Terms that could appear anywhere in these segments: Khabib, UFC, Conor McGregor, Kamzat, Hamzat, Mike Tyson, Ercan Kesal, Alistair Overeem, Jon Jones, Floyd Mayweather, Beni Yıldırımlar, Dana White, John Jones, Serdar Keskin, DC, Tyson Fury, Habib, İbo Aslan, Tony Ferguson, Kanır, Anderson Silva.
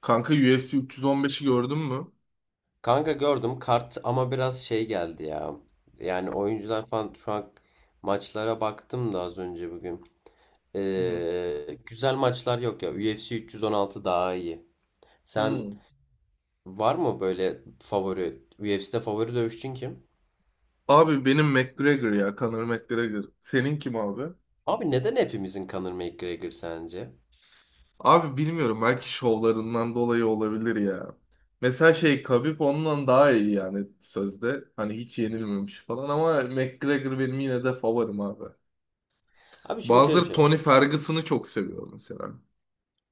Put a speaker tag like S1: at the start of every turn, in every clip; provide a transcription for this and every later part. S1: Kanka UFC 315'i gördün mü?
S2: Kanka gördüm kart ama biraz geldi ya. Yani oyuncular falan şu an maçlara baktım da az önce bugün.
S1: Hı hı.
S2: Güzel maçlar yok ya. UFC 316 daha iyi. Sen
S1: Hmm.
S2: var mı böyle favori UFC'de favori dövüşçün kim?
S1: Abi benim McGregor ya Conor McGregor. Senin kim abi?
S2: Abi neden hepimizin Conor McGregor sence?
S1: Abi bilmiyorum belki şovlarından dolayı olabilir ya. Mesela şey Khabib ondan daha iyi yani sözde. Hani hiç yenilmemiş falan ama McGregor benim yine de favorim abi.
S2: Abi şimdi şöyle bir
S1: Bazıları
S2: şey var.
S1: Tony Ferguson'ı çok seviyor mesela.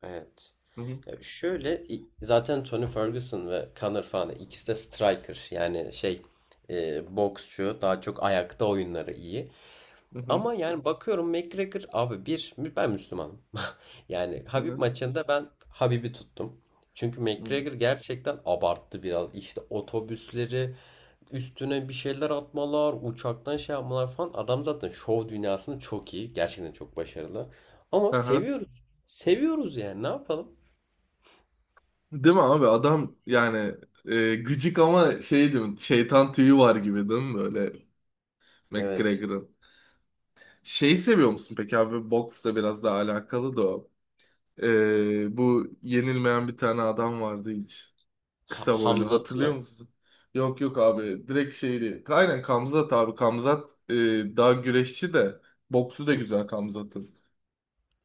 S2: Evet.
S1: Hı hı.
S2: Zaten Tony Ferguson ve Conor falan ikisi de striker, yani boksçu, daha çok ayakta oyunları iyi.
S1: Hı hı.
S2: Ama yani bakıyorum McGregor abi, ben Müslümanım. Yani
S1: Hı
S2: Habib
S1: hı.
S2: maçında ben Habib'i tuttum. Çünkü
S1: Hı.
S2: McGregor gerçekten abarttı biraz. İşte otobüsleri üstüne bir şeyler atmalar, uçaktan şey yapmalar falan. Adam zaten şov dünyasında çok iyi. Gerçekten çok başarılı. Ama
S1: Aha.
S2: seviyoruz. Seviyoruz, yani ne yapalım?
S1: Değil mi abi adam yani, gıcık ama şey değil mi? Şeytan tüyü var gibi değil mi böyle?
S2: Evet.
S1: McGregor'ın. Şeyi seviyor musun peki abi? Boksla biraz daha alakalı da o. Bu yenilmeyen bir tane adam vardı hiç. Kısa boylu.
S2: Hamzat'ı
S1: Hatırlıyor
S2: mı?
S1: musun? Yok yok abi. Direkt şeydi. Aynen Kamzat abi. Kamzat, daha güreşçi de. Boksu da
S2: Hı.
S1: güzel Kamzat'ın.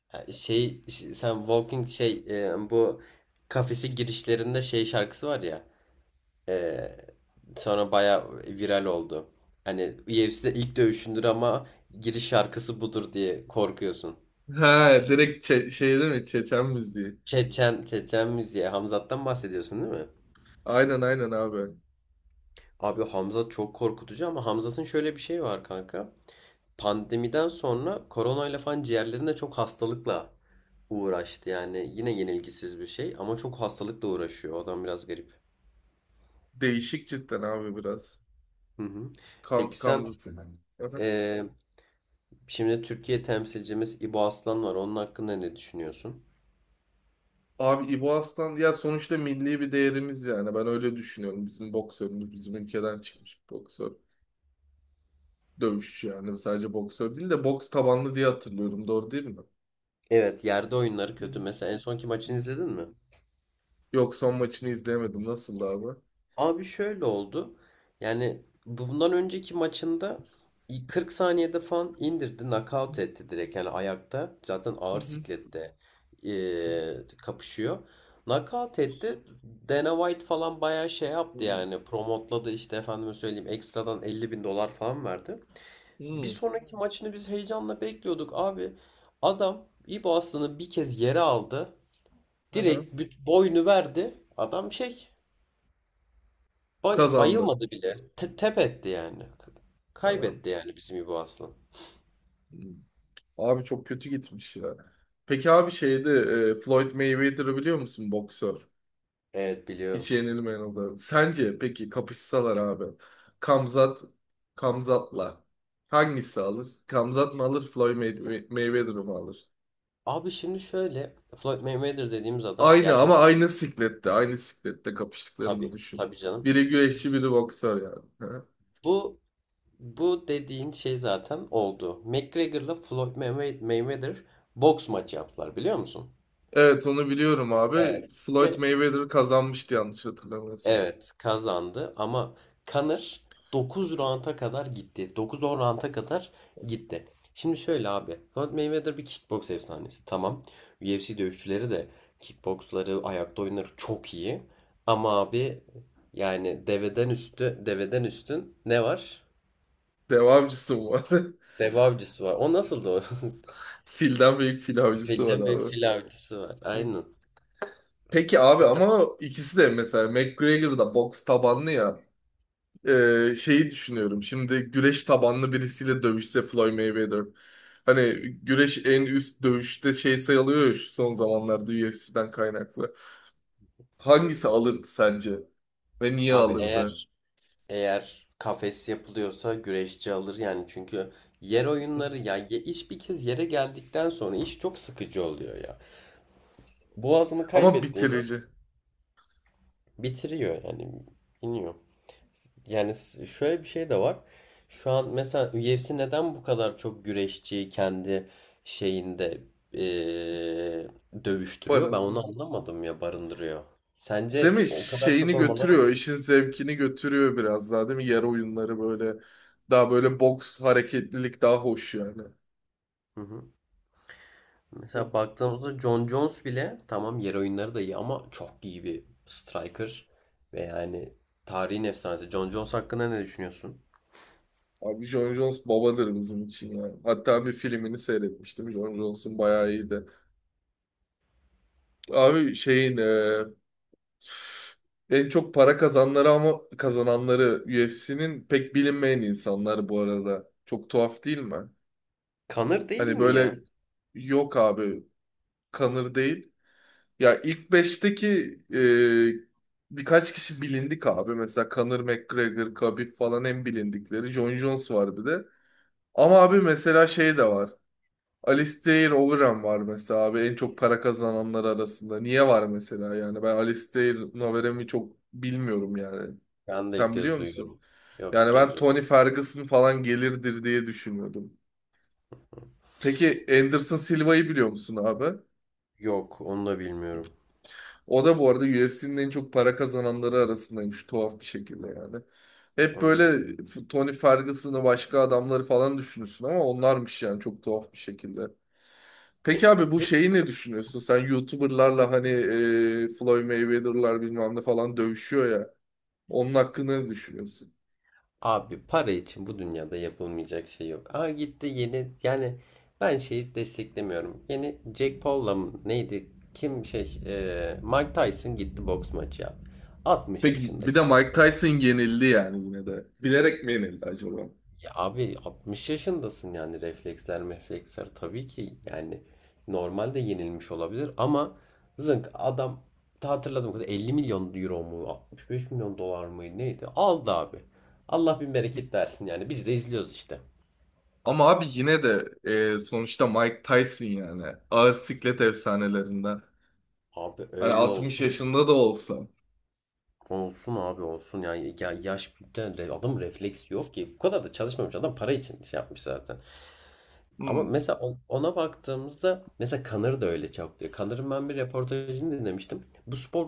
S2: Sen Walking bu kafesi girişlerinde şey şarkısı var ya. Ee, Sonra baya viral oldu. Hani UFC'de ilk dövüşündür ama giriş şarkısı budur diye korkuyorsun.
S1: He direkt şey değil mi? Çeçen müziği.
S2: Çeçen, Çeçen diye Hamzat'tan bahsediyorsun değil mi?
S1: Aynen aynen abi.
S2: Abi Hamzat çok korkutucu, ama Hamzat'ın şöyle bir şey var kanka. Pandemiden sonra koronayla falan ciğerlerinde çok hastalıkla uğraştı. Yani yine yenilgisiz bir şey, ama çok hastalıkla uğraşıyor. O adam biraz garip.
S1: Değişik cidden abi biraz.
S2: Hı hı. Peki sen,
S1: Kamzat'ın.
S2: eee, şimdi Türkiye temsilcimiz İbo Aslan var. Onun hakkında ne düşünüyorsun?
S1: Abi İbo Aslan ya sonuçta milli bir değerimiz yani. Ben öyle düşünüyorum. Bizim boksörümüz bizim ülkeden çıkmış bir boksör. Dövüşçü yani sadece boksör değil de boks tabanlı diye hatırlıyorum. Doğru değil mi?
S2: Evet, yerde oyunları kötü.
S1: Hı
S2: Mesela en sonki
S1: hı.
S2: maçını izledin mi?
S1: Yok son maçını izleyemedim. Nasıldı abi?
S2: Abi şöyle oldu. Yani bundan önceki maçında 40 saniyede falan indirdi, knockout etti direkt. Yani ayakta zaten
S1: Hı
S2: ağır
S1: hı.
S2: siklette kapışıyor. Knockout etti. Dana White falan bayağı şey yaptı
S1: Hmm.
S2: yani. Promotladı işte, efendime söyleyeyim. Ekstradan 50 bin dolar falan verdi. Bir
S1: Hmm.
S2: sonraki maçını biz heyecanla bekliyorduk. Abi adam İbo Aslan'ı bir kez yere aldı.
S1: Aha.
S2: Direkt boynu verdi. Adam şey,
S1: Kazandı.
S2: bayılmadı bile. Tep etti yani.
S1: Aha.
S2: Kaybetti yani bizim İbo Aslan.
S1: Hmm. Abi çok kötü gitmiş ya. Peki abi şeydi, Floyd Mayweather'ı biliyor musun boksör?
S2: Evet,
S1: Hiç
S2: biliyorum.
S1: yenilmeyen oldu. Sence peki kapışsalar abi. Kamzat Kamzat'la hangisi alır? Kamzat mı alır? Floyd Mayweather mı alır?
S2: Abi şimdi şöyle, Floyd Mayweather dediğimiz adam
S1: Aynı
S2: gerçek,
S1: ama aynı siklette. Aynı siklette kapıştıklarını
S2: tabii
S1: düşün.
S2: tabii canım.
S1: Biri güreşçi biri boksör yani. Ha?
S2: Bu bu dediğin şey zaten oldu. McGregor'la Mayweather boks maçı yaptılar, biliyor musun?
S1: Evet onu biliyorum abi.
S2: Evet.
S1: Floyd Mayweather kazanmıştı yanlış hatırlamıyorsam.
S2: Evet, kazandı, ama Conor 9 rounda kadar gitti. Dokuz on rounda kadar gitti. Şimdi şöyle abi. Floyd Mayweather bir kickboks efsanesi. Tamam. UFC dövüşçüleri de kickboksları, ayakta oyunları çok iyi. Ama abi yani deveden üstün ne var?
S1: Dev avcısı mı var?
S2: Dev avcısı var. O nasıldı o?
S1: Filden büyük fil avcısı var
S2: Filden büyük
S1: abi.
S2: fil avcısı var. Aynen.
S1: Peki abi
S2: E sen-
S1: ama ikisi de mesela McGregor da boks tabanlı ya. Şeyi düşünüyorum. Şimdi güreş tabanlı birisiyle dövüşse Floyd Mayweather. Hani güreş en üst dövüşte şey sayılıyor ya şu son zamanlarda UFC'den kaynaklı. Hangisi alırdı sence? Ve niye
S2: Abi
S1: alırdı?
S2: eğer kafes yapılıyorsa güreşçi alır yani, çünkü yer oyunları ya, iş bir kez yere geldikten sonra iş çok sıkıcı oluyor ya. Boğazını
S1: Ama
S2: kaybettiğini
S1: bitirici.
S2: bitiriyor yani, iniyor. Şöyle bir şey de var. Şu an mesela UFC neden bu kadar çok güreşçiyi kendi şeyinde, eee, dövüştürüyor? Ben
S1: Barındı.
S2: onu anlamadım ya, barındırıyor.
S1: Değil
S2: Sence
S1: mi?
S2: o kadar
S1: Şeyini
S2: çok olmaları...
S1: götürüyor. İşin zevkini götürüyor biraz daha değil mi? Yer oyunları böyle. Daha böyle boks hareketlilik daha hoş yani.
S2: Hı hı.
S1: Hı.
S2: Mesela baktığımızda John Jones bile, tamam, yer oyunları da iyi ama çok iyi bir striker ve yani tarihin efsanesi. John Jones hakkında ne düşünüyorsun?
S1: Abi Jon Jones babadır bizim için yani. Hatta bir filmini seyretmiştim. Jon Jones'un bayağı iyiydi. Abi şeyin, en çok para kazanları ama kazananları UFC'nin pek bilinmeyen insanlar bu arada. Çok tuhaf değil mi?
S2: Kanır değil
S1: Hani
S2: mi
S1: böyle
S2: ya?
S1: yok abi kanır değil. Ya ilk beşteki, birkaç kişi bilindik abi. Mesela Conor McGregor, Khabib falan en bilindikleri. Jon Jones var bir de. Ama abi mesela şey de var. Alistair Overeem var mesela abi en çok para kazananlar arasında. Niye var mesela yani? Ben Alistair Overeem'i çok bilmiyorum yani.
S2: Ben de ilk
S1: Sen
S2: kez
S1: biliyor musun?
S2: duyuyorum. Yok, ilk
S1: Yani
S2: kez
S1: ben
S2: duyuyorum.
S1: Tony Ferguson falan gelirdir diye düşünüyordum. Peki Anderson Silva'yı biliyor musun abi?
S2: Yok, onu da bilmiyorum.
S1: O da bu arada UFC'nin en çok para kazananları arasındaymış tuhaf bir şekilde yani. Hep
S2: Allah.
S1: böyle Tony Ferguson'ı başka adamları falan düşünürsün ama onlarmış yani çok tuhaf bir şekilde. Peki
S2: Pe-
S1: abi bu
S2: Peki
S1: şeyi ne düşünüyorsun? Sen YouTuber'larla hani, Floyd Mayweather'lar bilmem ne falan dövüşüyor ya. Onun hakkında ne düşünüyorsun?
S2: abi, para için bu dünyada yapılmayacak şey yok. Aa, gitti yeni yani, ben şeyi desteklemiyorum. Yeni Jack Paul'la mı neydi? Kim Mike Tyson gitti boks maçı yaptı. 60
S1: Peki bir
S2: yaşındaki
S1: de Mike
S2: adam.
S1: Tyson yenildi yani yine de. Bilerek mi yenildi acaba?
S2: Ya abi 60 yaşındasın yani, refleksler tabii ki yani normalde yenilmiş olabilir ama zınk, adam ta hatırladığım kadar 50 milyon euro mu, 65 milyon dolar mı neydi, aldı abi. Allah bin bereket versin yani, biz de izliyoruz işte.
S1: Ama abi yine de, sonuçta Mike Tyson yani. Ağır siklet efsanelerinden.
S2: Abi
S1: Hani
S2: öyle
S1: 60
S2: olsun.
S1: yaşında da olsa.
S2: Olsun abi, olsun. Yani ya yaş bir tane de adam refleks yok ki. Bu kadar da çalışmamış adam, para için şey yapmış zaten. Ama
S1: Hmm.
S2: mesela ona baktığımızda mesela Kanır da öyle çok diyor. Kanır'ın ben bir reportajını dinlemiştim. Bu spor,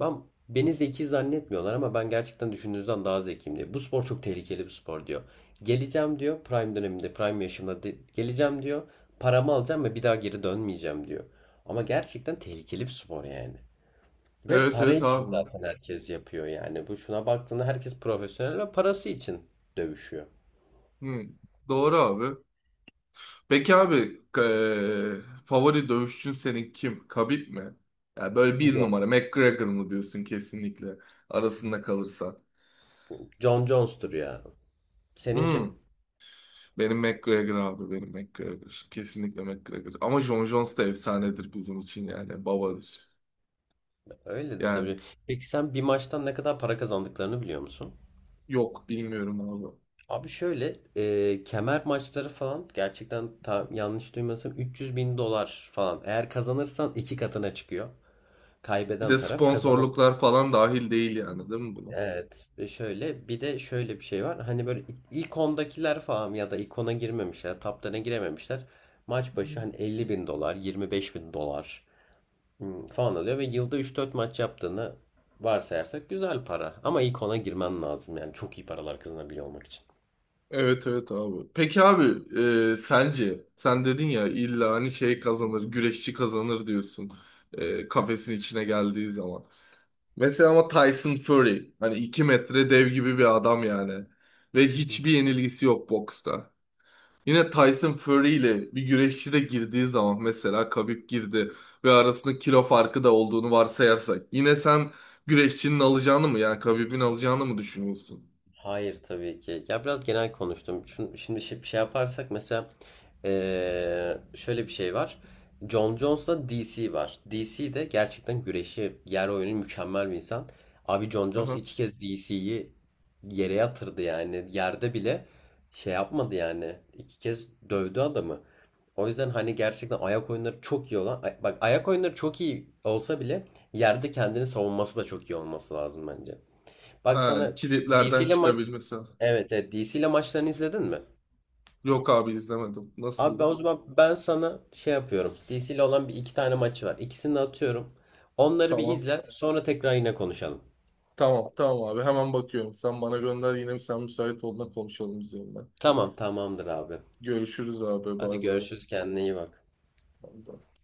S2: ben, beni zeki zannetmiyorlar ama ben gerçekten düşündüğünüzden daha zekiyim, diyor. Bu spor çok tehlikeli bir spor, diyor. Geleceğim diyor, prime döneminde, prime yaşımda geleceğim diyor. Paramı alacağım ve bir daha geri dönmeyeceğim, diyor. Ama gerçekten tehlikeli bir spor yani. Ve
S1: Evet
S2: para
S1: evet
S2: için
S1: abi.
S2: zaten herkes yapıyor yani. Bu, şuna baktığında herkes profesyonel ve parası için dövüşüyor.
S1: Hmm. Doğru abi. Peki abi favori dövüşçün senin kim? Khabib mi? Yani böyle bir numara
S2: Yok.
S1: McGregor mu diyorsun kesinlikle arasında kalırsa.
S2: John Jones'tur ya. Senin kim?
S1: Hmm, benim McGregor abi benim McGregor. Kesinlikle McGregor. Ama Jon Jones da efsanedir bizim için yani babadır.
S2: Öyle de
S1: Yani
S2: tabii. Peki sen bir maçtan ne kadar para kazandıklarını biliyor musun?
S1: yok bilmiyorum abi.
S2: Abi şöyle, kemer maçları falan gerçekten, yanlış duymasam 300 bin dolar falan. Eğer kazanırsan iki katına çıkıyor.
S1: Bir
S2: Kaybeden
S1: de
S2: taraf, kazanan.
S1: sponsorluklar falan dahil değil yani değil mi buna?
S2: Evet, ve şöyle, bir de şöyle bir şey var. Hani böyle ilk 10'dakiler falan, ya da ilk 10'a girmemişler, top 10'a girememişler. Maç başı hani 50 bin dolar, 25 bin dolar falan alıyor ve yılda üç dört maç yaptığını varsayarsak güzel para. Ama ilk 10'a girmen lazım yani çok iyi paralar kazanabiliyor olmak için.
S1: Evet evet abi. Peki abi, sence sen dedin ya illa hani şey kazanır güreşçi kazanır diyorsun, kafesin içine geldiği zaman. Mesela ama Tyson Fury hani 2 metre dev gibi bir adam yani ve hiçbir yenilgisi yok boksta. Yine Tyson Fury ile bir güreşçi de girdiği zaman mesela Khabib girdi ve arasında kilo farkı da olduğunu varsayarsak yine sen güreşçinin alacağını mı yani Khabib'in alacağını mı düşünüyorsun?
S2: Hayır, tabii ki. Ya biraz genel konuştum. Şimdi şey yaparsak mesela, şöyle bir şey var. Jon Jones'la DC var. DC de gerçekten güreşi, yer oyunu mükemmel bir insan. Abi Jon Jones
S1: Aha.
S2: iki kez DC'yi yere yatırdı yani. Yerde bile şey yapmadı yani. İki kez dövdü adamı. O yüzden hani gerçekten ayak oyunları çok iyi olan, bak, ayak oyunları çok iyi olsa bile yerde kendini savunması da çok iyi olması lazım bence. Bak
S1: Ha,
S2: sana DC
S1: kilitlerden
S2: ile.
S1: çıkabilmesi lazım.
S2: Evet, evet. DC ile maçlarını izledin mi?
S1: Yok abi izlemedim.
S2: Abi ben
S1: Nasıldı?
S2: o zaman, ben sana şey yapıyorum. DC ile olan bir iki tane maçı var. İkisini de atıyorum. Onları bir
S1: Tamam.
S2: izle. Sonra tekrar yine konuşalım.
S1: Tamam tamam abi hemen bakıyorum. Sen bana gönder yine sen müsait olduğunda konuşalım üzerine.
S2: Tamam, tamamdır abi.
S1: Görüşürüz abi
S2: Hadi
S1: bay bay.
S2: görüşürüz. Kendine iyi bak.
S1: Tamam, tamam.